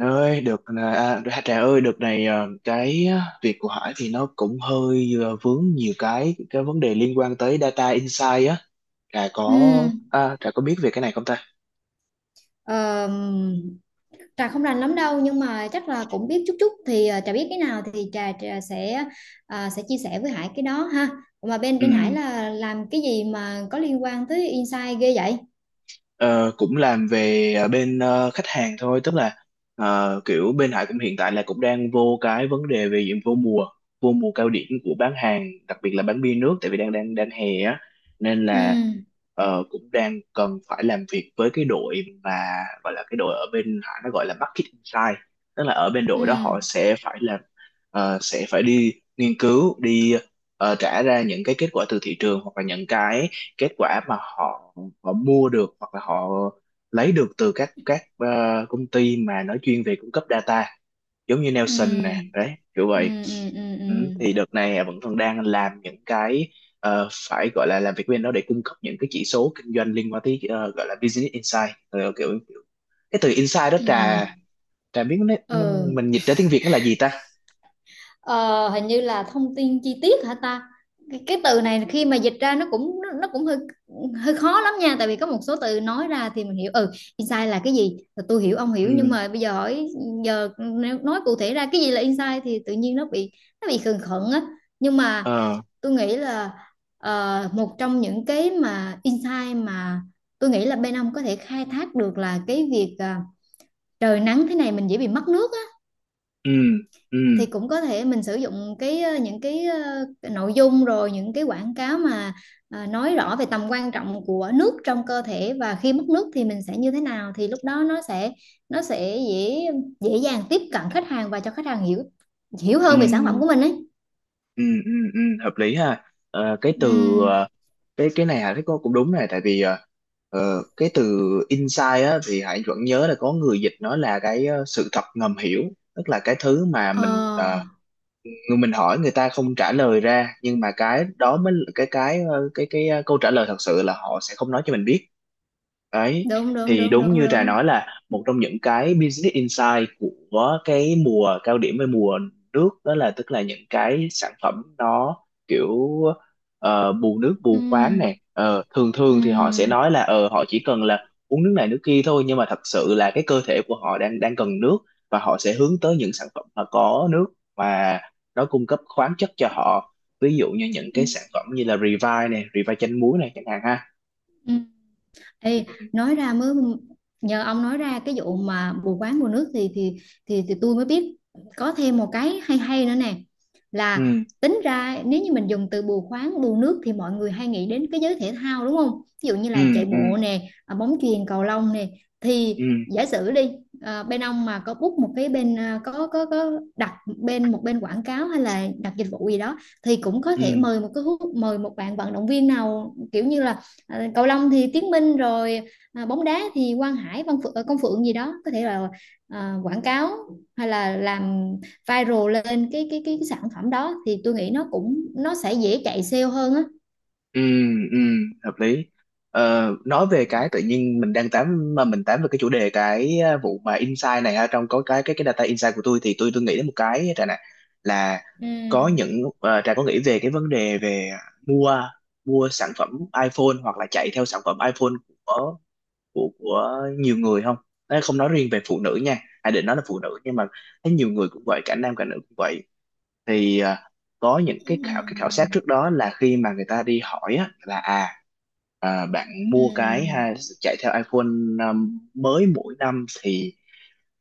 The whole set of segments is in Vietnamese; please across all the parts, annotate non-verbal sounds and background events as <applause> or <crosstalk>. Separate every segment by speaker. Speaker 1: Ơi được à, à, Trà ơi được này, ờ, cái việc của Hải thì nó cũng hơi vướng nhiều cái vấn đề liên quan tới data insight á. Trà có,
Speaker 2: Ừ,
Speaker 1: Trà có biết về cái này không ta?
Speaker 2: ờ, Trà không rành lắm đâu nhưng mà chắc là cũng biết chút chút thì Trà biết cái nào thì Trà sẽ chia sẻ với Hải cái đó ha. Mà bên
Speaker 1: Ừ.
Speaker 2: bên Hải là làm cái gì mà có liên quan tới insight ghê vậy?
Speaker 1: Ờ, cũng làm về bên khách hàng thôi, tức là kiểu bên Hải cũng hiện tại là cũng đang vô cái vấn đề về diện vô mùa, vô mùa cao điểm của bán hàng, đặc biệt là bán bia nước tại vì đang đang đang hè á, nên
Speaker 2: Ừ,
Speaker 1: là cũng đang cần phải làm việc với cái đội mà gọi là cái đội ở bên Hải nó gọi là Market Insight. Tức là ở bên
Speaker 2: ừ,
Speaker 1: đội đó họ sẽ phải làm, sẽ phải đi nghiên cứu, đi trả ra những cái kết quả từ thị trường hoặc là những cái kết quả mà họ, họ mua được hoặc là họ lấy được từ các công ty mà nói chuyên về cung cấp data, giống như Nelson nè
Speaker 2: ừ,
Speaker 1: đấy, kiểu
Speaker 2: ừ,
Speaker 1: vậy.
Speaker 2: ừ, ừ, ừ,
Speaker 1: Ừ,
Speaker 2: ừ.
Speaker 1: thì đợt này vẫn còn đang làm những cái, phải gọi là làm việc bên đó để cung cấp những cái chỉ số kinh doanh liên quan tới, gọi là business insight. Ờ, kiểu cái từ insight đó
Speaker 2: Ừ. Ừ.
Speaker 1: Trà, Trà biết nó,
Speaker 2: Ừ.
Speaker 1: mình dịch ra tiếng Việt nó là gì ta?
Speaker 2: Ờ, hình như là thông tin chi tiết hả ta. Cái từ này khi mà dịch ra nó cũng hơi hơi khó lắm nha, tại vì có một số từ nói ra thì mình hiểu. Ừ, insight là cái gì, tôi hiểu ông hiểu, nhưng
Speaker 1: Ừ,
Speaker 2: mà bây giờ hỏi giờ nếu nói cụ thể ra cái gì là insight thì tự nhiên nó bị khựng khựng á, nhưng mà
Speaker 1: ờ,
Speaker 2: tôi nghĩ là một trong những cái mà insight mà tôi nghĩ là bên ông có thể khai thác được là cái việc trời nắng thế này mình dễ bị mất nước,
Speaker 1: ừ, ừ,
Speaker 2: thì cũng có thể mình sử dụng cái những cái nội dung rồi những cái quảng cáo mà nói rõ về tầm quan trọng của nước trong cơ thể và khi mất nước thì mình sẽ như thế nào, thì lúc đó nó sẽ dễ dễ dàng tiếp cận khách hàng và cho khách hàng hiểu hiểu
Speaker 1: ừ.
Speaker 2: hơn về sản phẩm của mình ấy.
Speaker 1: Ừ, ừ, ừ, hợp lý ha. Ờ, cái từ
Speaker 2: Ừm.
Speaker 1: cái này Hải thấy có cũng đúng này, tại vì cái từ insight á thì Hải vẫn nhớ là có người dịch nó là cái, sự thật ngầm hiểu, tức là cái thứ mà mình,
Speaker 2: Ờ,
Speaker 1: người mình hỏi người ta không trả lời ra, nhưng mà cái đó mới là cái ờ, câu trả lời thật sự là họ sẽ không nói cho mình biết đấy.
Speaker 2: đúng đúng
Speaker 1: Thì
Speaker 2: đúng
Speaker 1: đúng
Speaker 2: đúng
Speaker 1: như Trà
Speaker 2: đúng.
Speaker 1: nói, là một trong những cái business insight của cái mùa cao điểm, với mùa nước đó, là tức là những cái sản phẩm nó kiểu, bù nước bù khoáng nè. Ờ, thường thường thì họ sẽ
Speaker 2: Ừm,
Speaker 1: nói là ờ họ chỉ cần là uống nước này nước kia thôi, nhưng mà thật sự là cái cơ thể của họ đang đang cần nước, và họ sẽ hướng tới những sản phẩm mà có nước và nó cung cấp khoáng chất cho họ. Ví dụ như những cái
Speaker 2: ừm,
Speaker 1: sản phẩm như là Revive này, Revive chanh muối này chẳng hạn ha.
Speaker 2: ừm. Ê, nói ra mới nhờ ông nói ra cái vụ mà bù quán mùa nước thì tôi mới biết có thêm một cái hay hay nữa nè, là
Speaker 1: Ừ,
Speaker 2: tính ra nếu như mình dùng từ bù khoáng bù nước thì mọi người hay nghĩ đến cái giới thể thao đúng không, ví dụ như là
Speaker 1: ừ,
Speaker 2: chạy
Speaker 1: ừ,
Speaker 2: bộ nè, bóng chuyền cầu lông nè, thì
Speaker 1: ừ,
Speaker 2: giả sử đi, bên ông mà có book một cái bên, có đặt bên một bên quảng cáo hay là đặt dịch vụ gì đó thì cũng có
Speaker 1: ừ,
Speaker 2: thể mời một bạn vận động viên nào kiểu như là Ờ, cầu lông thì Tiến Minh rồi, bóng đá thì Quang Hải, Văn Phượng, Công Phượng gì đó, có thể là quảng cáo hay là làm viral lên cái sản phẩm đó thì tôi nghĩ nó sẽ dễ chạy sale hơn á.
Speaker 1: ừ, ừ, hợp lý. Ờ, nói về cái tự nhiên mình đang tám mà mình tám về cái chủ đề cái, vụ mà insight này ha, trong có cái data insight của tôi, thì tôi nghĩ đến một cái, Trà này, là
Speaker 2: Ừ,
Speaker 1: có những, Trà có nghĩ về cái vấn đề về mua mua sản phẩm iPhone hoặc là chạy theo sản phẩm iPhone của, của nhiều người không? Đấy, không nói riêng về phụ nữ nha. Hải định nói là phụ nữ, nhưng mà thấy nhiều người cũng vậy, cả nam cả nữ cũng vậy. Thì à, có những cái khảo, cái khảo
Speaker 2: ừ,
Speaker 1: sát trước đó là khi mà người ta đi hỏi á, là à, à bạn mua cái
Speaker 2: ừ,
Speaker 1: ha, chạy theo iPhone à, mới mỗi năm thì,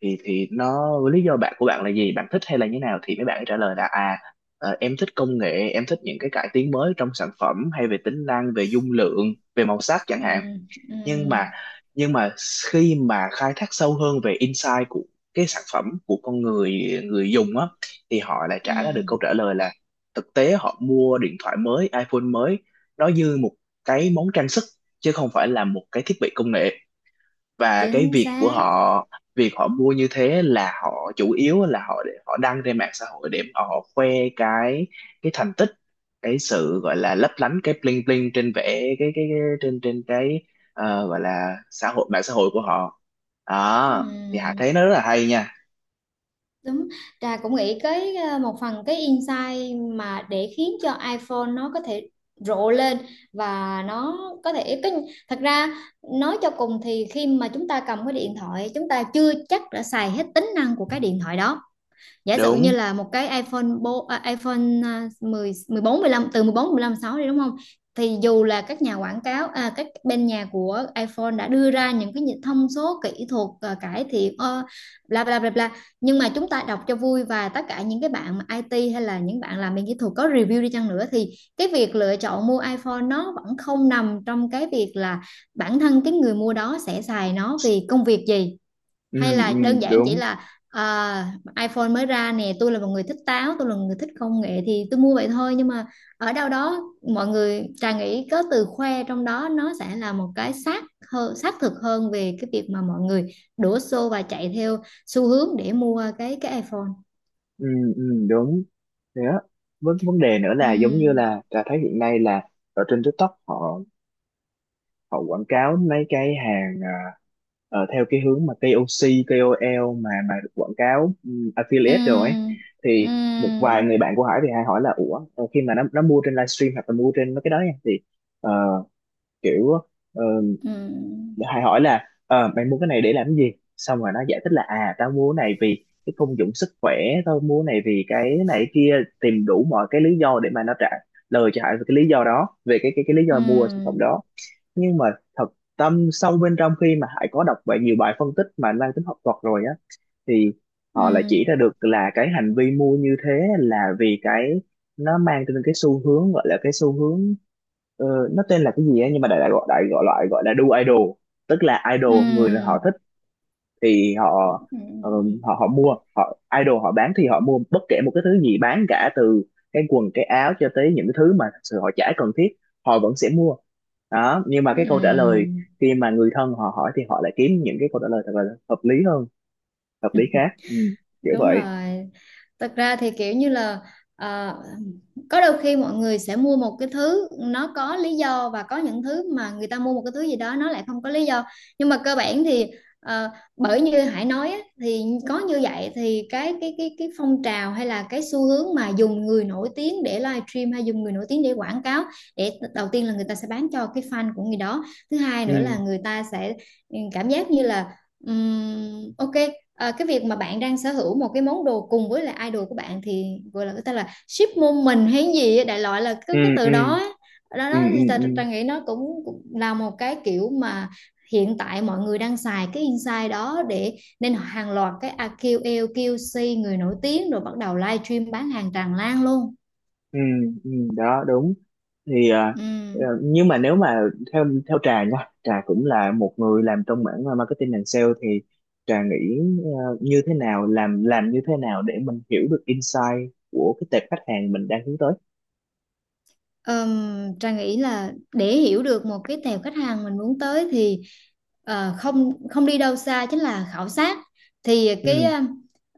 Speaker 1: thì nó lý do bạn của bạn là gì, bạn thích hay là như nào, thì mấy bạn ấy trả lời là à, em thích công nghệ, em thích những cái cải tiến mới trong sản phẩm, hay về tính năng, về dung lượng, về màu sắc chẳng
Speaker 2: ừ,
Speaker 1: hạn.
Speaker 2: ừ,
Speaker 1: nhưng
Speaker 2: ừ,
Speaker 1: mà nhưng mà khi mà khai thác sâu hơn về insight của cái sản phẩm của con người, người dùng á, thì họ lại
Speaker 2: ừ,
Speaker 1: trả ra được câu trả lời là thực tế họ mua điện thoại mới, iPhone mới nó như một cái món trang sức chứ không phải là một cái thiết bị công nghệ. Và cái
Speaker 2: chính
Speaker 1: việc của
Speaker 2: xác.
Speaker 1: họ, việc họ mua như thế là họ chủ yếu là họ để họ đăng trên mạng xã hội để mà họ khoe cái cái thành tích, cái sự gọi là lấp lánh, cái bling bling trên vẻ cái cái trên trên cái, gọi là xã hội, mạng xã hội của họ. Đó thì Hạ
Speaker 2: Ừ.
Speaker 1: thấy nó rất là hay nha.
Speaker 2: Đúng, Trà cũng nghĩ cái một phần cái insight mà để khiến cho iPhone nó có thể rộ lên và nó có thể cái, thật ra nói cho cùng thì khi mà chúng ta cầm cái điện thoại chúng ta chưa chắc đã xài hết tính năng của cái điện thoại đó. Giả sử như
Speaker 1: Đúng,
Speaker 2: là một cái iPhone bo, à, iPhone à, 10 14 15, từ 14 15 6 đi đúng không, thì dù là các nhà quảng cáo, các bên nhà của iPhone đã đưa ra những cái thông số kỹ thuật, cải thiện bla bla bla bla, nhưng mà chúng ta đọc cho vui, và tất cả những cái bạn mà IT hay là những bạn làm bên kỹ thuật có review đi chăng nữa thì cái việc lựa chọn mua iPhone nó vẫn không nằm trong cái việc là bản thân cái người mua đó sẽ xài nó vì công việc gì,
Speaker 1: ừ,
Speaker 2: hay là
Speaker 1: ừ,
Speaker 2: đơn giản chỉ
Speaker 1: đúng,
Speaker 2: là iPhone mới ra nè, tôi là một người thích táo, tôi là một người thích công nghệ thì tôi mua vậy thôi, nhưng mà ở đâu đó, mọi người, Trà nghĩ có từ khoe trong đó nó sẽ là một cái xác thực hơn về cái việc mà mọi người đổ xô và chạy theo xu hướng để mua cái iPhone.
Speaker 1: ừ, ừ, đúng thế á. Vấn vấn đề nữa
Speaker 2: Ừ,
Speaker 1: là giống như là Trà thấy hiện nay là ở trên TikTok họ, họ quảng cáo mấy cái hàng, à, theo cái hướng mà KOC, KOL mà được quảng cáo, affiliate rồi ấy.
Speaker 2: ừ, ừ,
Speaker 1: Thì một vài người bạn của Hải thì Hải hỏi là ủa, khi mà nó mua trên livestream hoặc là mua trên mấy cái đó nha, thì ờ, kiểu ờ,
Speaker 2: ừ,
Speaker 1: Hải hỏi là mày mua cái này để làm gì, xong rồi nó giải thích là à tao mua cái này vì cái công dụng sức khỏe, tao mua cái này vì cái này cái kia, tìm đủ mọi cái lý do để mà nó trả lời cho Hải về cái lý do đó, về cái lý do mua sản phẩm
Speaker 2: ừ,
Speaker 1: đó. Nhưng mà thật tâm sâu bên trong, khi mà Hải có đọc vậy nhiều bài phân tích mà mang tính học thuật rồi á, thì
Speaker 2: ừ,
Speaker 1: họ lại chỉ ra được là cái hành vi mua như thế là vì cái, nó mang trên cái xu hướng gọi là cái xu hướng, ờ, nó tên là cái gì á, nhưng mà đại đại gọi loại gọi là đu idol, tức là idol người họ
Speaker 2: ừ,
Speaker 1: thích. Thì họ,
Speaker 2: ừ,
Speaker 1: họ mua, họ idol họ bán thì họ mua bất kể một cái thứ gì bán, cả từ cái quần cái áo cho tới những cái thứ mà thật sự họ chả cần thiết họ vẫn sẽ mua. Đó, nhưng mà cái câu trả
Speaker 2: ừ,
Speaker 1: lời khi mà người thân họ hỏi thì họ lại kiếm những cái câu trả lời thật là hợp lý hơn, hợp lý khác, ừ, kiểu
Speaker 2: đúng
Speaker 1: vậy.
Speaker 2: rồi. Thật ra thì kiểu như là ờ, có đôi khi mọi người sẽ mua một cái thứ nó có lý do, và có những thứ mà người ta mua một cái thứ gì đó nó lại không có lý do, nhưng mà cơ bản thì ờ, bởi như Hải nói á, thì có như vậy thì cái phong trào hay là cái xu hướng mà dùng người nổi tiếng để livestream hay dùng người nổi tiếng để quảng cáo, để đầu tiên là người ta sẽ bán cho cái fan của người đó, thứ hai
Speaker 1: Ừ,
Speaker 2: nữa là người ta sẽ cảm giác như là ok, cái việc mà bạn đang sở hữu một cái món đồ cùng với là idol của bạn thì gọi là người ta là ship môn mình hay gì á, đại loại là cái
Speaker 1: ừ,
Speaker 2: cái
Speaker 1: ừ,
Speaker 2: từ đó á. Đó,
Speaker 1: ừ,
Speaker 2: đó thì
Speaker 1: ừ,
Speaker 2: ta,
Speaker 1: ừ.
Speaker 2: ta nghĩ nó cũng là một cái kiểu mà hiện tại mọi người đang xài cái insight đó, để nên hàng loạt cái AQL, QC người nổi tiếng rồi bắt đầu live stream bán hàng tràn lan luôn.
Speaker 1: Ừ, ừ, đó đúng. Thì à,
Speaker 2: Ừ.
Speaker 1: nhưng mà nếu mà theo theo Trà nha, Trà cũng là một người làm trong mảng, marketing and sale, thì Trà nghĩ như thế nào, làm như thế nào để mình hiểu được insight của cái tệp khách hàng mình đang hướng tới?
Speaker 2: Ờm, Trang nghĩ là để hiểu được một cái tệp khách hàng mình muốn tới thì ờ, không không đi đâu xa, chính là khảo sát, thì
Speaker 1: Ừ,
Speaker 2: cái ờ,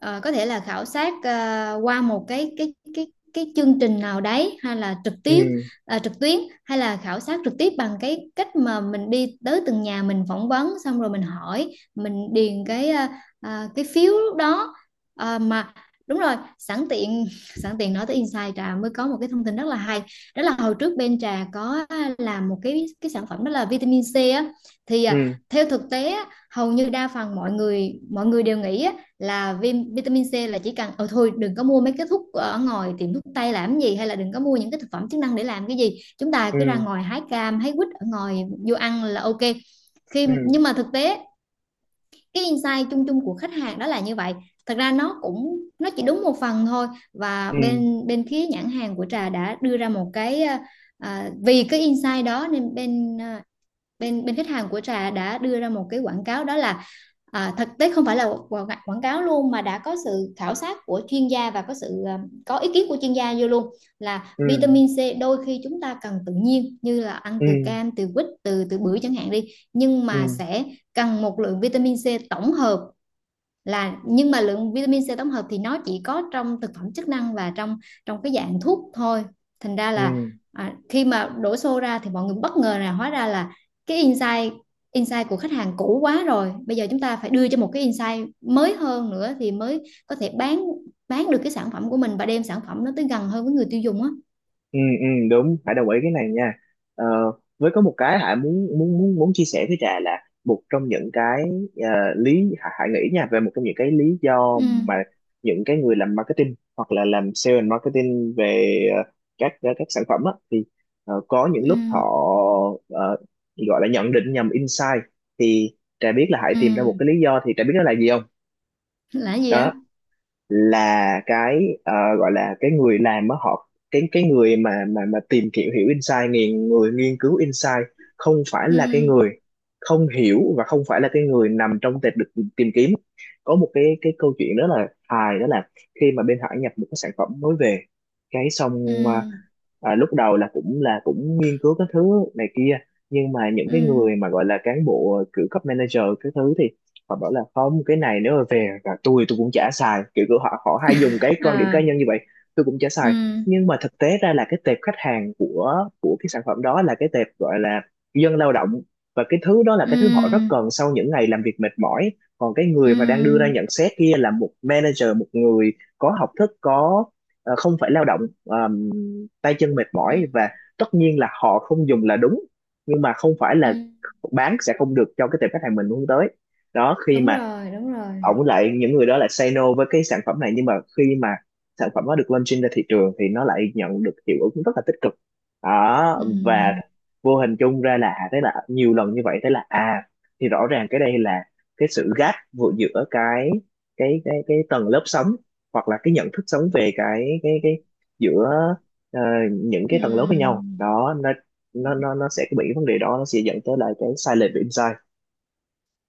Speaker 2: ờ, có thể là khảo sát qua một cái chương trình nào đấy hay là trực
Speaker 1: ừ,
Speaker 2: tiếp trực tuyến, hay là khảo sát trực tiếp bằng cái cách mà mình đi tới từng nhà mình phỏng vấn xong rồi mình hỏi mình điền cái phiếu lúc đó. Mà đúng rồi, sẵn tiện <laughs> sẵn tiện nói tới Insight, Trà mới có một cái thông tin rất là hay. Đó là hồi trước bên Trà có làm một cái sản phẩm đó là vitamin C á, thì
Speaker 1: ừ,
Speaker 2: theo thực tế á, hầu như đa phần mọi người đều nghĩ á, là vitamin C là chỉ cần thôi, đừng có mua mấy cái thuốc ở ngoài tiệm thuốc tây làm gì, hay là đừng có mua những cái thực phẩm chức năng để làm cái gì, chúng ta cứ ra
Speaker 1: ừ,
Speaker 2: ngoài hái cam hái quýt ở ngoài vô ăn là ok.
Speaker 1: ừ,
Speaker 2: Nhưng mà thực tế, cái insight chung chung của khách hàng đó là như vậy, thật ra nó cũng chỉ đúng một phần thôi, và
Speaker 1: ừ,
Speaker 2: bên bên phía nhãn hàng của Trà đã đưa ra một cái vì cái insight đó nên bên ờ, bên bên khách hàng của Trà đã đưa ra một cái quảng cáo, đó là thực tế không phải là quảng cáo luôn mà đã có sự khảo sát của chuyên gia, và có ý kiến của chuyên gia vô luôn, là
Speaker 1: ừ,
Speaker 2: vitamin C đôi khi chúng ta cần tự nhiên như là ăn
Speaker 1: ừ,
Speaker 2: từ cam từ quýt từ từ bưởi chẳng hạn đi, nhưng
Speaker 1: ừ,
Speaker 2: mà
Speaker 1: ừ,
Speaker 2: sẽ cần một lượng vitamin C tổng hợp, là nhưng mà lượng vitamin C tổng hợp thì nó chỉ có trong thực phẩm chức năng và trong trong cái dạng thuốc thôi. Thành ra
Speaker 1: ừ,
Speaker 2: là khi mà đổ xô ra thì mọi người bất ngờ là hóa ra là cái insight insight của khách hàng cũ quá rồi, bây giờ chúng ta phải đưa cho một cái insight mới hơn nữa thì mới có thể bán được cái sản phẩm của mình và đem sản phẩm nó tới gần hơn với người tiêu dùng á.
Speaker 1: ừ, ừ, đúng, phải đồng ý cái này nha. Ờ, với có một cái Hải muốn muốn muốn muốn chia sẻ với Trà, là một trong những cái, ờ, lý, Hải Hải nghĩ nha, về một trong những cái lý do
Speaker 2: Ừ,
Speaker 1: mà những cái người làm marketing hoặc là làm sale and marketing về, các sản phẩm á, thì có những lúc họ,
Speaker 2: ừ,
Speaker 1: ờ, gọi là nhận định nhầm insight. Thì Trà biết là Hải
Speaker 2: ừ.
Speaker 1: tìm ra một cái lý do, thì Trà biết nó là gì không?
Speaker 2: Là gì á?
Speaker 1: Đó là cái, gọi là cái người làm á, họ cái người mà mà tìm hiểu, hiểu insight, nghiền, người nghiên cứu insight không phải
Speaker 2: Ừ,
Speaker 1: là cái người không hiểu, và không phải là cái người nằm trong tệp được tìm kiếm. Có một cái câu chuyện đó là hài, đó là khi mà bên Hải nhập một cái sản phẩm mới về, cái xong à,
Speaker 2: ừ,
Speaker 1: lúc đầu là cũng nghiên cứu cái thứ này kia, nhưng mà những
Speaker 2: ừ.
Speaker 1: cái người mà gọi là cán bộ kiểu cấp manager cái thứ, thì họ bảo là không, cái này nếu mà về là tôi cũng chả xài, kiểu của họ họ hay dùng cái quan điểm cá
Speaker 2: À,
Speaker 1: nhân như vậy, tôi cũng chả xài.
Speaker 2: ừ,
Speaker 1: Nhưng mà thực tế ra là cái tệp khách hàng của cái sản phẩm đó là cái tệp gọi là dân lao động, và cái thứ đó là cái thứ họ rất
Speaker 2: ừ,
Speaker 1: cần sau những ngày làm việc mệt mỏi. Còn cái người mà đang đưa ra
Speaker 2: ừ,
Speaker 1: nhận xét kia là một manager, một người có học thức, có, không phải lao động, tay chân mệt
Speaker 2: ừ.
Speaker 1: mỏi, và tất nhiên là họ không dùng là đúng, nhưng mà không phải
Speaker 2: Ừ,
Speaker 1: là bán sẽ không được cho cái tệp khách hàng mình hướng tới. Đó, khi
Speaker 2: đúng
Speaker 1: mà
Speaker 2: rồi, đúng rồi.
Speaker 1: ổng, lại những người đó lại say no với cái sản phẩm này, nhưng mà khi mà sản phẩm nó được launching ra thị trường thì nó lại nhận được hiệu ứng rất là tích cực. Đó, và vô hình chung ra là à, thế là nhiều lần như vậy, thế là à thì rõ ràng cái đây là cái sự gap vừa giữa cái cái tầng lớp sống hoặc là cái nhận thức sống về cái giữa, ờ, những cái tầng lớp với nhau
Speaker 2: Ừm,
Speaker 1: đó, nó nó sẽ bị vấn đề đó, nó sẽ dẫn tới lại cái sai lệch về insight.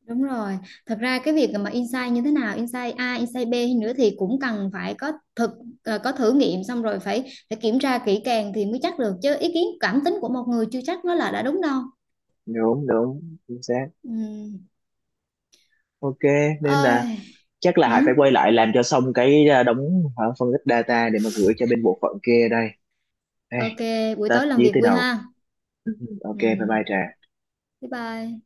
Speaker 2: Đúng rồi. Thật ra cái việc mà insight như thế nào, insight A, insight B hay nữa thì cũng cần phải có thử nghiệm xong rồi phải phải kiểm tra kỹ càng thì mới chắc được, chứ ý kiến cảm tính của một người chưa chắc nó là đã đúng đâu.
Speaker 1: Đúng, đúng, chính xác.
Speaker 2: Ừ.
Speaker 1: Ok, nên là
Speaker 2: Ôi.
Speaker 1: chắc là
Speaker 2: Hử?
Speaker 1: Hải phải quay lại làm cho xong cái, đống, phân tích data để mà gửi cho bên bộ phận kia đây. Ê,
Speaker 2: Ok, buổi
Speaker 1: tách
Speaker 2: tối làm
Speaker 1: dí
Speaker 2: việc
Speaker 1: tới
Speaker 2: vui
Speaker 1: đầu.
Speaker 2: ha.
Speaker 1: Ừ, ừ, ok bye
Speaker 2: Ừ.
Speaker 1: bye Trà.
Speaker 2: Bye bye.